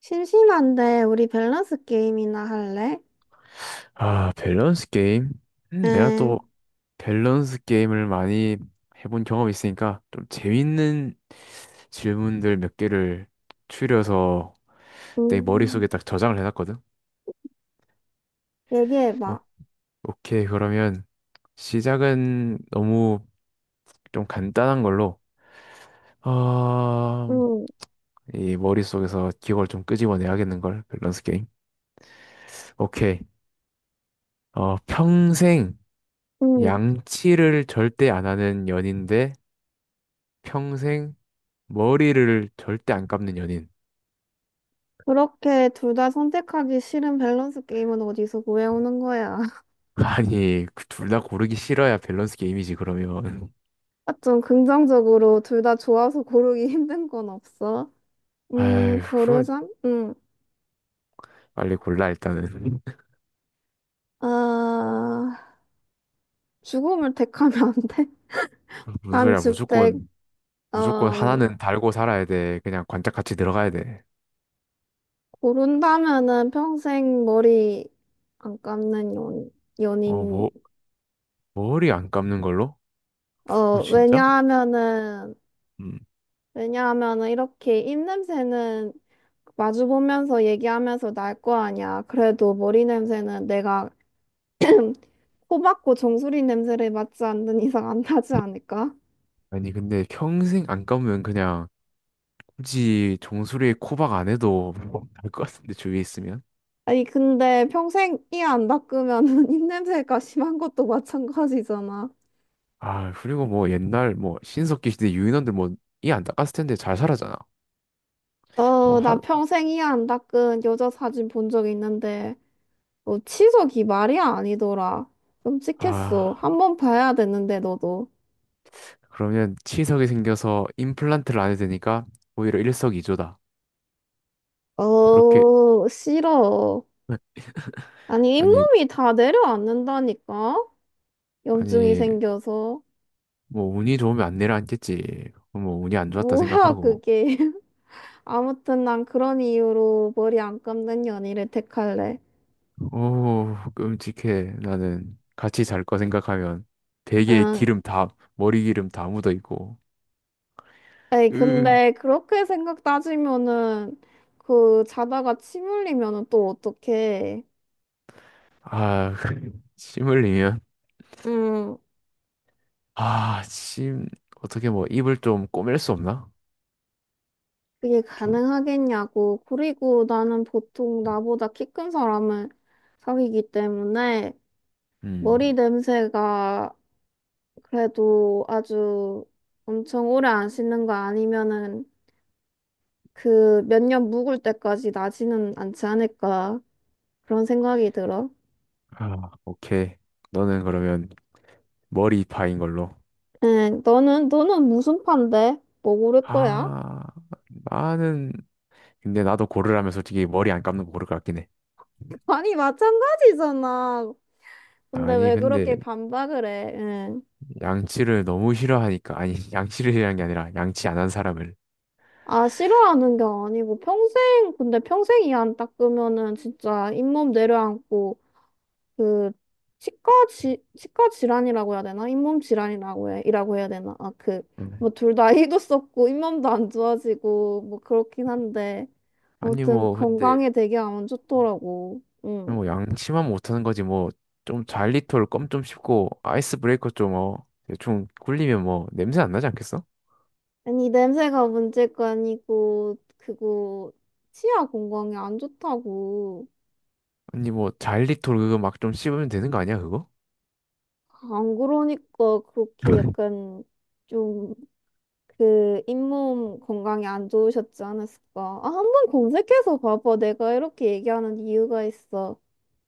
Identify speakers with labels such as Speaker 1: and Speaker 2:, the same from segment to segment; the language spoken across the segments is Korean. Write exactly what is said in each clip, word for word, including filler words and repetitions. Speaker 1: 심심한데 우리 밸런스 게임이나 할래?
Speaker 2: 아, 밸런스 게임? 음, 내가
Speaker 1: 응,
Speaker 2: 또 밸런스 게임을 많이 해본 경험이 있으니까 좀 재밌는 질문들 몇 개를 추려서 내
Speaker 1: 음,
Speaker 2: 머릿속에 딱 저장을 해놨거든. 오,
Speaker 1: 얘기해봐.
Speaker 2: 오케이, 그러면 시작은 너무 좀 간단한 걸로. 어,
Speaker 1: 응
Speaker 2: 이 머릿속에서 기억을 좀 끄집어내야겠는걸, 밸런스 게임. 오케이. 어, 평생
Speaker 1: 응
Speaker 2: 양치를 절대 안 하는 연인데 평생 머리를 절대 안 감는 연인.
Speaker 1: 그렇게 둘 다 선택하기 싫은 밸런스 게임은 어디서 구해오는 거야?
Speaker 2: 아니, 그 둘다 고르기 싫어야 밸런스 게임이지, 그러면.
Speaker 1: 아, 좀 긍정적으로 둘 다 좋아서 고르기 힘든 건 없어? 음,
Speaker 2: 아휴, 그
Speaker 1: 고르자. 응
Speaker 2: 빨리 골라, 일단은.
Speaker 1: 아, 죽음을 택하면 안 돼?
Speaker 2: 무슨
Speaker 1: 난
Speaker 2: 소리야,
Speaker 1: 죽택.
Speaker 2: 무조건, 무조건
Speaker 1: 음,
Speaker 2: 하나는 달고 살아야 돼. 그냥 관짝같이 들어가야 돼.
Speaker 1: 고른다면은 평생 머리 안 감는 연,
Speaker 2: 어,
Speaker 1: 연인.
Speaker 2: 뭐, 머리 안 감는 걸로?
Speaker 1: 어,
Speaker 2: 어, 진짜?
Speaker 1: 왜냐하면은,
Speaker 2: 음.
Speaker 1: 왜냐하면은 이렇게 입 냄새는 마주보면서 얘기하면서 날 거 아니야. 그래도 머리 냄새는 내가 코 박고 정수리 냄새를 맡지 않는 이상 안 나지 않을까?
Speaker 2: 아니, 근데 평생 안 감으면 그냥 굳이 종소리에 코박 안 해도 날 것 같은데, 주위에 있으면.
Speaker 1: 아니, 근데 평생 이 안 닦으면은 입 냄새가 심한 것도 마찬가지잖아.
Speaker 2: 아, 그리고 뭐 옛날 뭐 신석기 시대 유인원들 뭐 이 안 닦았을 텐데 잘 살았잖아. 뭐
Speaker 1: 어, 나
Speaker 2: 한,
Speaker 1: 평생 이 안 닦은 여자 사진 본 적 있는데, 어, 치석이 말이 아니더라. 끔찍했어.
Speaker 2: 아.
Speaker 1: 한번 봐야 되는데, 너도.
Speaker 2: 그러면 치석이 생겨서 임플란트를 안 해도 되니까 오히려 일석이조다. 그렇게
Speaker 1: 어, 싫어. 아니,
Speaker 2: 아니
Speaker 1: 잇몸이 다 내려앉는다니까? 염증이
Speaker 2: 아니
Speaker 1: 생겨서.
Speaker 2: 뭐 운이 좋으면 안 내려앉겠지. 뭐 운이 안 좋았다
Speaker 1: 뭐야,
Speaker 2: 생각하고
Speaker 1: 그게. 아무튼 난 그런 이유로 머리 안 감는 연희를 택할래.
Speaker 2: 오 끔찍해. 나는 같이 잘 거 생각하면 베개에
Speaker 1: 응.
Speaker 2: 기름 다 머리 기름 다 묻어 있고
Speaker 1: 에이,
Speaker 2: 으아
Speaker 1: 근데 그렇게 생각 따지면은, 그, 자다가 침 흘리면은 또 어떡해.
Speaker 2: 침 흘리면
Speaker 1: 응.
Speaker 2: 아침 어떻게 뭐 입을 좀 꼬맬 수 없나?
Speaker 1: 그게
Speaker 2: 좀
Speaker 1: 가능하겠냐고. 그리고 나는 보통 나보다 키 큰 사람을 사귀기 때문에
Speaker 2: 음
Speaker 1: 머리 냄새가 그래도 아주 엄청 오래 안 씻는 거 아니면은 그 몇 년 묵을 때까지 나지는 않지 않을까 그런 생각이 들어.
Speaker 2: 아 오케이 너는 그러면 머리파인 걸로.
Speaker 1: 응, 너는 너는 무슨 판데? 뭐 고를 거야?
Speaker 2: 아, 나는, 근데 나도 고르라면 솔직히 머리 안 감는 거 고를 것 같긴 해.
Speaker 1: 아니 마찬가지잖아. 근데
Speaker 2: 아니,
Speaker 1: 왜
Speaker 2: 근데
Speaker 1: 그렇게 반박을 해? 응.
Speaker 2: 양치를 너무 싫어하니까, 아니, 양치를 싫어하는 게 아니라 양치 안 한 사람을.
Speaker 1: 아 싫어하는 게 아니고 평생 근데 평생 이안 닦으면은 진짜 잇몸 내려앉고 그 치과 지 치과 질환이라고 해야 되나? 잇몸 질환이라고 해, 이라고 해야 되나? 아, 그
Speaker 2: 음.
Speaker 1: 뭐 둘 다 희도 썼고 잇몸도 안 좋아지고 뭐 그렇긴 한데
Speaker 2: 아니,
Speaker 1: 아무튼
Speaker 2: 뭐, 근데,
Speaker 1: 건강에 되게 안 좋더라고. 응.
Speaker 2: 뭐, 양치만 못하는 거지, 뭐, 좀 잘리톨 껌 좀 씹고, 아이스 브레이커 좀, 어, 대충 굴리면 뭐, 냄새 안 나지 않겠어?
Speaker 1: 아니 냄새가 문제가 아니고 그거 치아 건강에 안 좋다고.
Speaker 2: 아니, 뭐, 잘리톨 그거 막 좀 씹으면 되는 거 아니야, 그거?
Speaker 1: 안 그러니까 그렇게 약간 좀 그 잇몸 건강이 안 좋으셨지 않았을까? 아, 한번 검색해서 봐봐. 내가 이렇게 얘기하는 이유가 있어.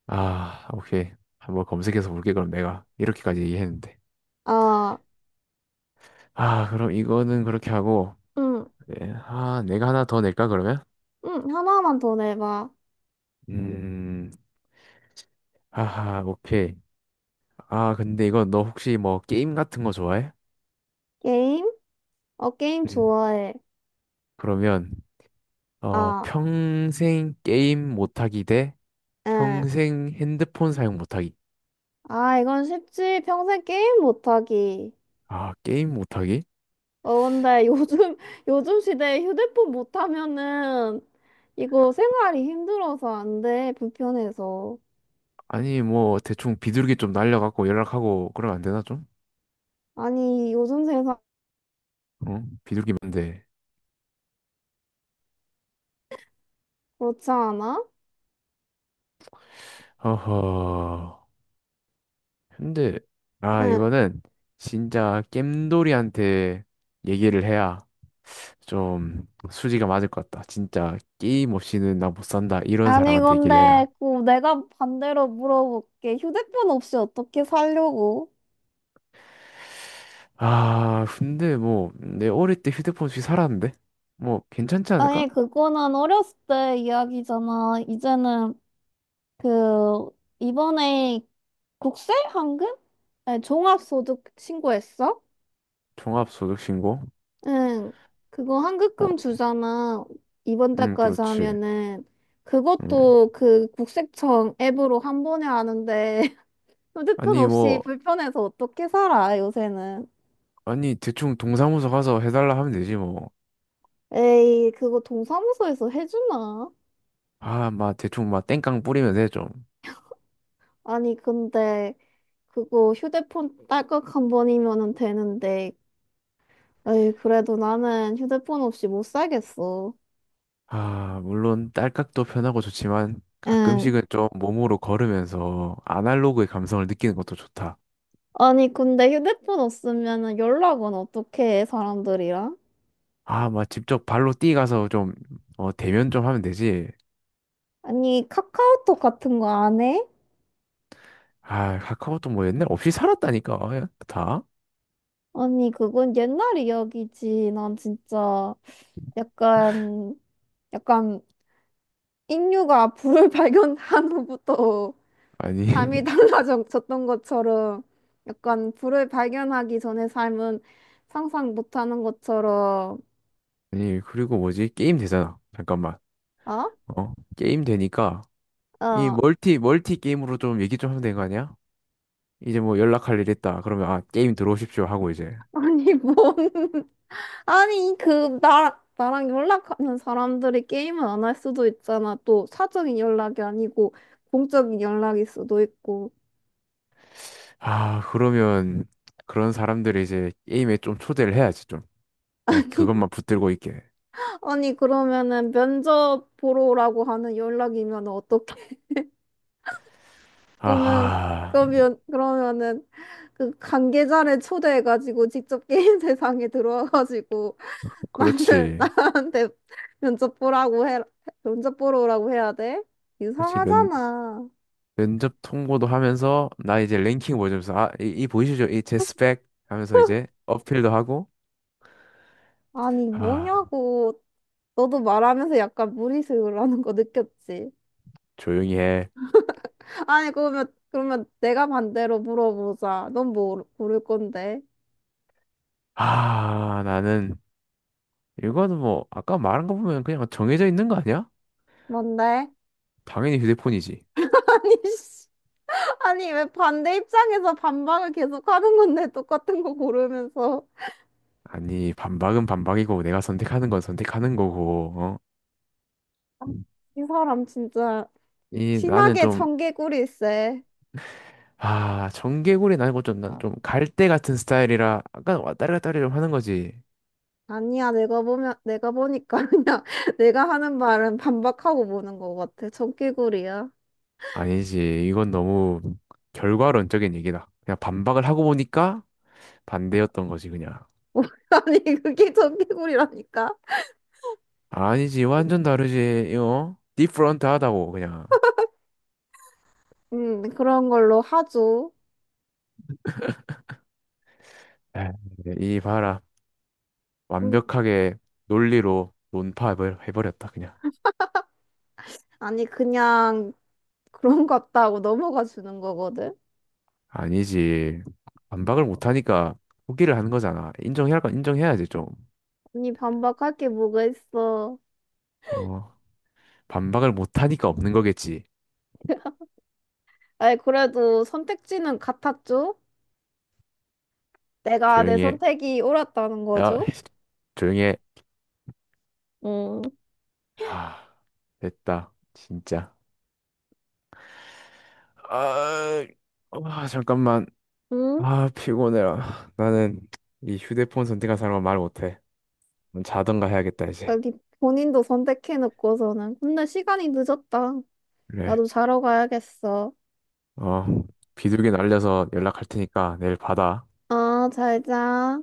Speaker 2: 아, 오케이. 한번 검색해서 볼게, 그럼 내가. 이렇게까지 얘기했는데.
Speaker 1: 아,
Speaker 2: 아, 그럼 이거는 그렇게 하고,
Speaker 1: 응,
Speaker 2: 네. 아, 내가 하나 더 낼까, 그러면?
Speaker 1: 응, 하나만 더 내봐.
Speaker 2: 음, 음, 하하, 오케이. 아, 근데 이거 너 혹시 뭐 게임 같은 거 좋아해?
Speaker 1: 게임? 어, 게임
Speaker 2: 음.
Speaker 1: 좋아해.
Speaker 2: 그러면, 어,
Speaker 1: 아,
Speaker 2: 평생 게임 못하기 대
Speaker 1: 응.
Speaker 2: 평생 핸드폰 사용 못하기.
Speaker 1: 아, 이건 쉽지. 평생 게임 못하기.
Speaker 2: 아, 게임 못하기?
Speaker 1: 어, 근데 요즘, 요즘 시대에 휴대폰 못하면은 이거 생활이 힘들어서 안 돼. 불편해서.
Speaker 2: 아니, 뭐, 대충 비둘기 좀 날려갖고 연락하고 그러면 안 되나, 좀?
Speaker 1: 아니, 요즘 세상
Speaker 2: 어? 비둘기면 돼.
Speaker 1: 그렇지 않아?
Speaker 2: 어허. 근데, 아,
Speaker 1: 응.
Speaker 2: 이거는 진짜 겜돌이한테 얘기를 해야 좀 수지가 맞을 것 같다. 진짜 게임 없이는 나 못 산다. 이런
Speaker 1: 아니,
Speaker 2: 사람한테 얘기를
Speaker 1: 근데,
Speaker 2: 해야.
Speaker 1: 그, 내가 반대로 물어볼게. 휴대폰 없이 어떻게 살려고?
Speaker 2: 아, 근데 뭐 내 어릴 때 휴대폰 없이 살았는데 뭐 괜찮지 않을까?
Speaker 1: 아니, 그거는 어렸을 때 이야기잖아. 이제는, 그, 이번에 국세? 한금? 네, 종합소득 신고했어?
Speaker 2: 종합소득신고?
Speaker 1: 응. 그거
Speaker 2: 어,
Speaker 1: 한급금 주잖아. 이번
Speaker 2: 음,
Speaker 1: 달까지
Speaker 2: 그렇지.
Speaker 1: 하면은.
Speaker 2: 음.
Speaker 1: 그것도 그 국세청 앱으로 한 번에 하는데, 휴대폰
Speaker 2: 아니
Speaker 1: 없이
Speaker 2: 뭐
Speaker 1: 불편해서 어떻게 살아, 요새는.
Speaker 2: 아니 대충 동사무소 가서 해달라 하면 되지 뭐.
Speaker 1: 에이, 그거 동사무소에서 해주나?
Speaker 2: 아, 막 대충 막 땡깡 뿌리면 돼 좀.
Speaker 1: 아니, 근데 그거 휴대폰 딸깍 한 번이면은 되는데, 에이, 그래도 나는 휴대폰 없이 못 살겠어.
Speaker 2: 아, 물론 딸깍도 편하고 좋지만
Speaker 1: 응.
Speaker 2: 가끔씩은 좀 몸으로 걸으면서 아날로그의 감성을 느끼는 것도 좋다.
Speaker 1: 아니, 근데 휴대폰 없으면은 연락은 어떻게 해, 사람들이랑?
Speaker 2: 아, 막 직접 발로 뛰어가서 좀, 어, 대면 좀 하면 되지.
Speaker 1: 아니, 카카오톡 같은 거 안 해?
Speaker 2: 아, 카카오톡 뭐 옛날 없이 살았다니까, 아, 다?
Speaker 1: 아니, 그건 옛날 이야기지. 난 진짜 약간, 약간, 인류가 불을 발견한 후부터
Speaker 2: 아니,
Speaker 1: 삶이 달라졌던 것처럼 약간 불을 발견하기 전에 삶은 상상 못하는 것처럼
Speaker 2: 아니, 그리고 뭐지? 게임 되잖아. 잠깐만.
Speaker 1: 어?
Speaker 2: 어, 게임 되니까, 이
Speaker 1: 어
Speaker 2: 멀티, 멀티 게임으로 좀 얘기 좀 하면 되는 거 아니야? 이제 뭐 연락할 일 있다. 그러면, 아, 게임 들어오십시오. 하고 이제.
Speaker 1: 아니 뭔 아니 그 나 나랑 연락하는 사람들이 게임을 안 할 수도 있잖아 또 사적인 연락이 아니고 공적인 연락일 수도 있고
Speaker 2: 아, 그러면, 그런 사람들을 이제 게임에 좀 초대를 해야지, 좀. 그냥 그것만 붙들고 있게.
Speaker 1: 아니 그러면은 면접 보러 오라고 하는 연락이면 어떡해 그러면
Speaker 2: 아하,
Speaker 1: 그러면 그러면은 그 관계자를 초대해가지고 직접 게임 세상에 들어와가지고 나는
Speaker 2: 그렇지.
Speaker 1: 나한테 면접 보라고 해 면접 보러 오라고 해야 돼?
Speaker 2: 그렇지. 몇,
Speaker 1: 이상하잖아.
Speaker 2: 면접 통보도 하면서 나 이제 랭킹 보여주면서 아, 이, 이 보이시죠? 이 제 스펙 하면서 이제 어필도 하고
Speaker 1: 아니
Speaker 2: 아,
Speaker 1: 뭐냐고 너도 말하면서 약간 무리수라는 거 느꼈지?
Speaker 2: 조용히 해.
Speaker 1: 아니 그러면 그러면 내가 반대로 물어보자. 넌 뭐 고를 건데?
Speaker 2: 아, 나는 이거는 뭐 아까 말한 거 보면 그냥 정해져 있는 거 아니야?
Speaker 1: 뭔데?
Speaker 2: 당연히 휴대폰이지.
Speaker 1: 아니 씨. 아니, 왜 반대 입장에서 반박을 계속 하는 건데, 똑같은 거 고르면서.
Speaker 2: 아니, 반박은 반박이고 내가 선택하는 건 선택하는 거고. 어?
Speaker 1: 아, 이 사람 진짜
Speaker 2: 이 나는
Speaker 1: 심하게
Speaker 2: 좀
Speaker 1: 청개구리세.
Speaker 2: 아, 정개구리 나고 좀난좀 갈대 같은 스타일이라 아까 왔다리 갔다리 좀 하는 거지.
Speaker 1: 아니야, 내가 보면, 내가 보니까 그냥 내가 하는 말은 반박하고 보는 것 같아. 청개구리야.
Speaker 2: 아니지. 이건 너무 결과론적인 얘기다. 그냥 반박을 하고 보니까 반대였던 거지, 그냥.
Speaker 1: 아니, 그게 청개구리라니까?
Speaker 2: 아니지. 완전 다르지. 이거 디프런트 하다고, 그냥.
Speaker 1: 음, 그런 걸로 하죠.
Speaker 2: 에이, 이 봐라.
Speaker 1: 음,
Speaker 2: 완벽하게 논리로 논파해버렸다, 그냥.
Speaker 1: 아니, 그냥 그런 것 같다고 넘어가 주는 거거든?
Speaker 2: 아니지. 반박을 못하니까 포기를 하는 거잖아. 인정해야 할 건 인정해야지, 좀.
Speaker 1: 아니, 반박할 게 뭐가 있어.
Speaker 2: 어, 반박을 못하니까 없는 거겠지.
Speaker 1: 아니, 그래도 선택지는 같았죠? 내가 내
Speaker 2: 조용히 해.
Speaker 1: 선택이 옳았다는
Speaker 2: 야,
Speaker 1: 거죠?
Speaker 2: 조용히 해.
Speaker 1: 응,
Speaker 2: 하, 됐다. 진짜. 아, 아, 잠깐만.
Speaker 1: 응?
Speaker 2: 아, 피곤해라. 나는 이 휴대폰 선택한 사람은 말 못해. 넌 자던가 해야겠다, 이제.
Speaker 1: 여기 본인도 선택해놓고서는. 근데 시간이 늦었다.
Speaker 2: 그래.
Speaker 1: 나도 자러 가야겠어.
Speaker 2: 어, 비둘기 날려서 연락할 테니까 내일 받아.
Speaker 1: 아, 잘 자.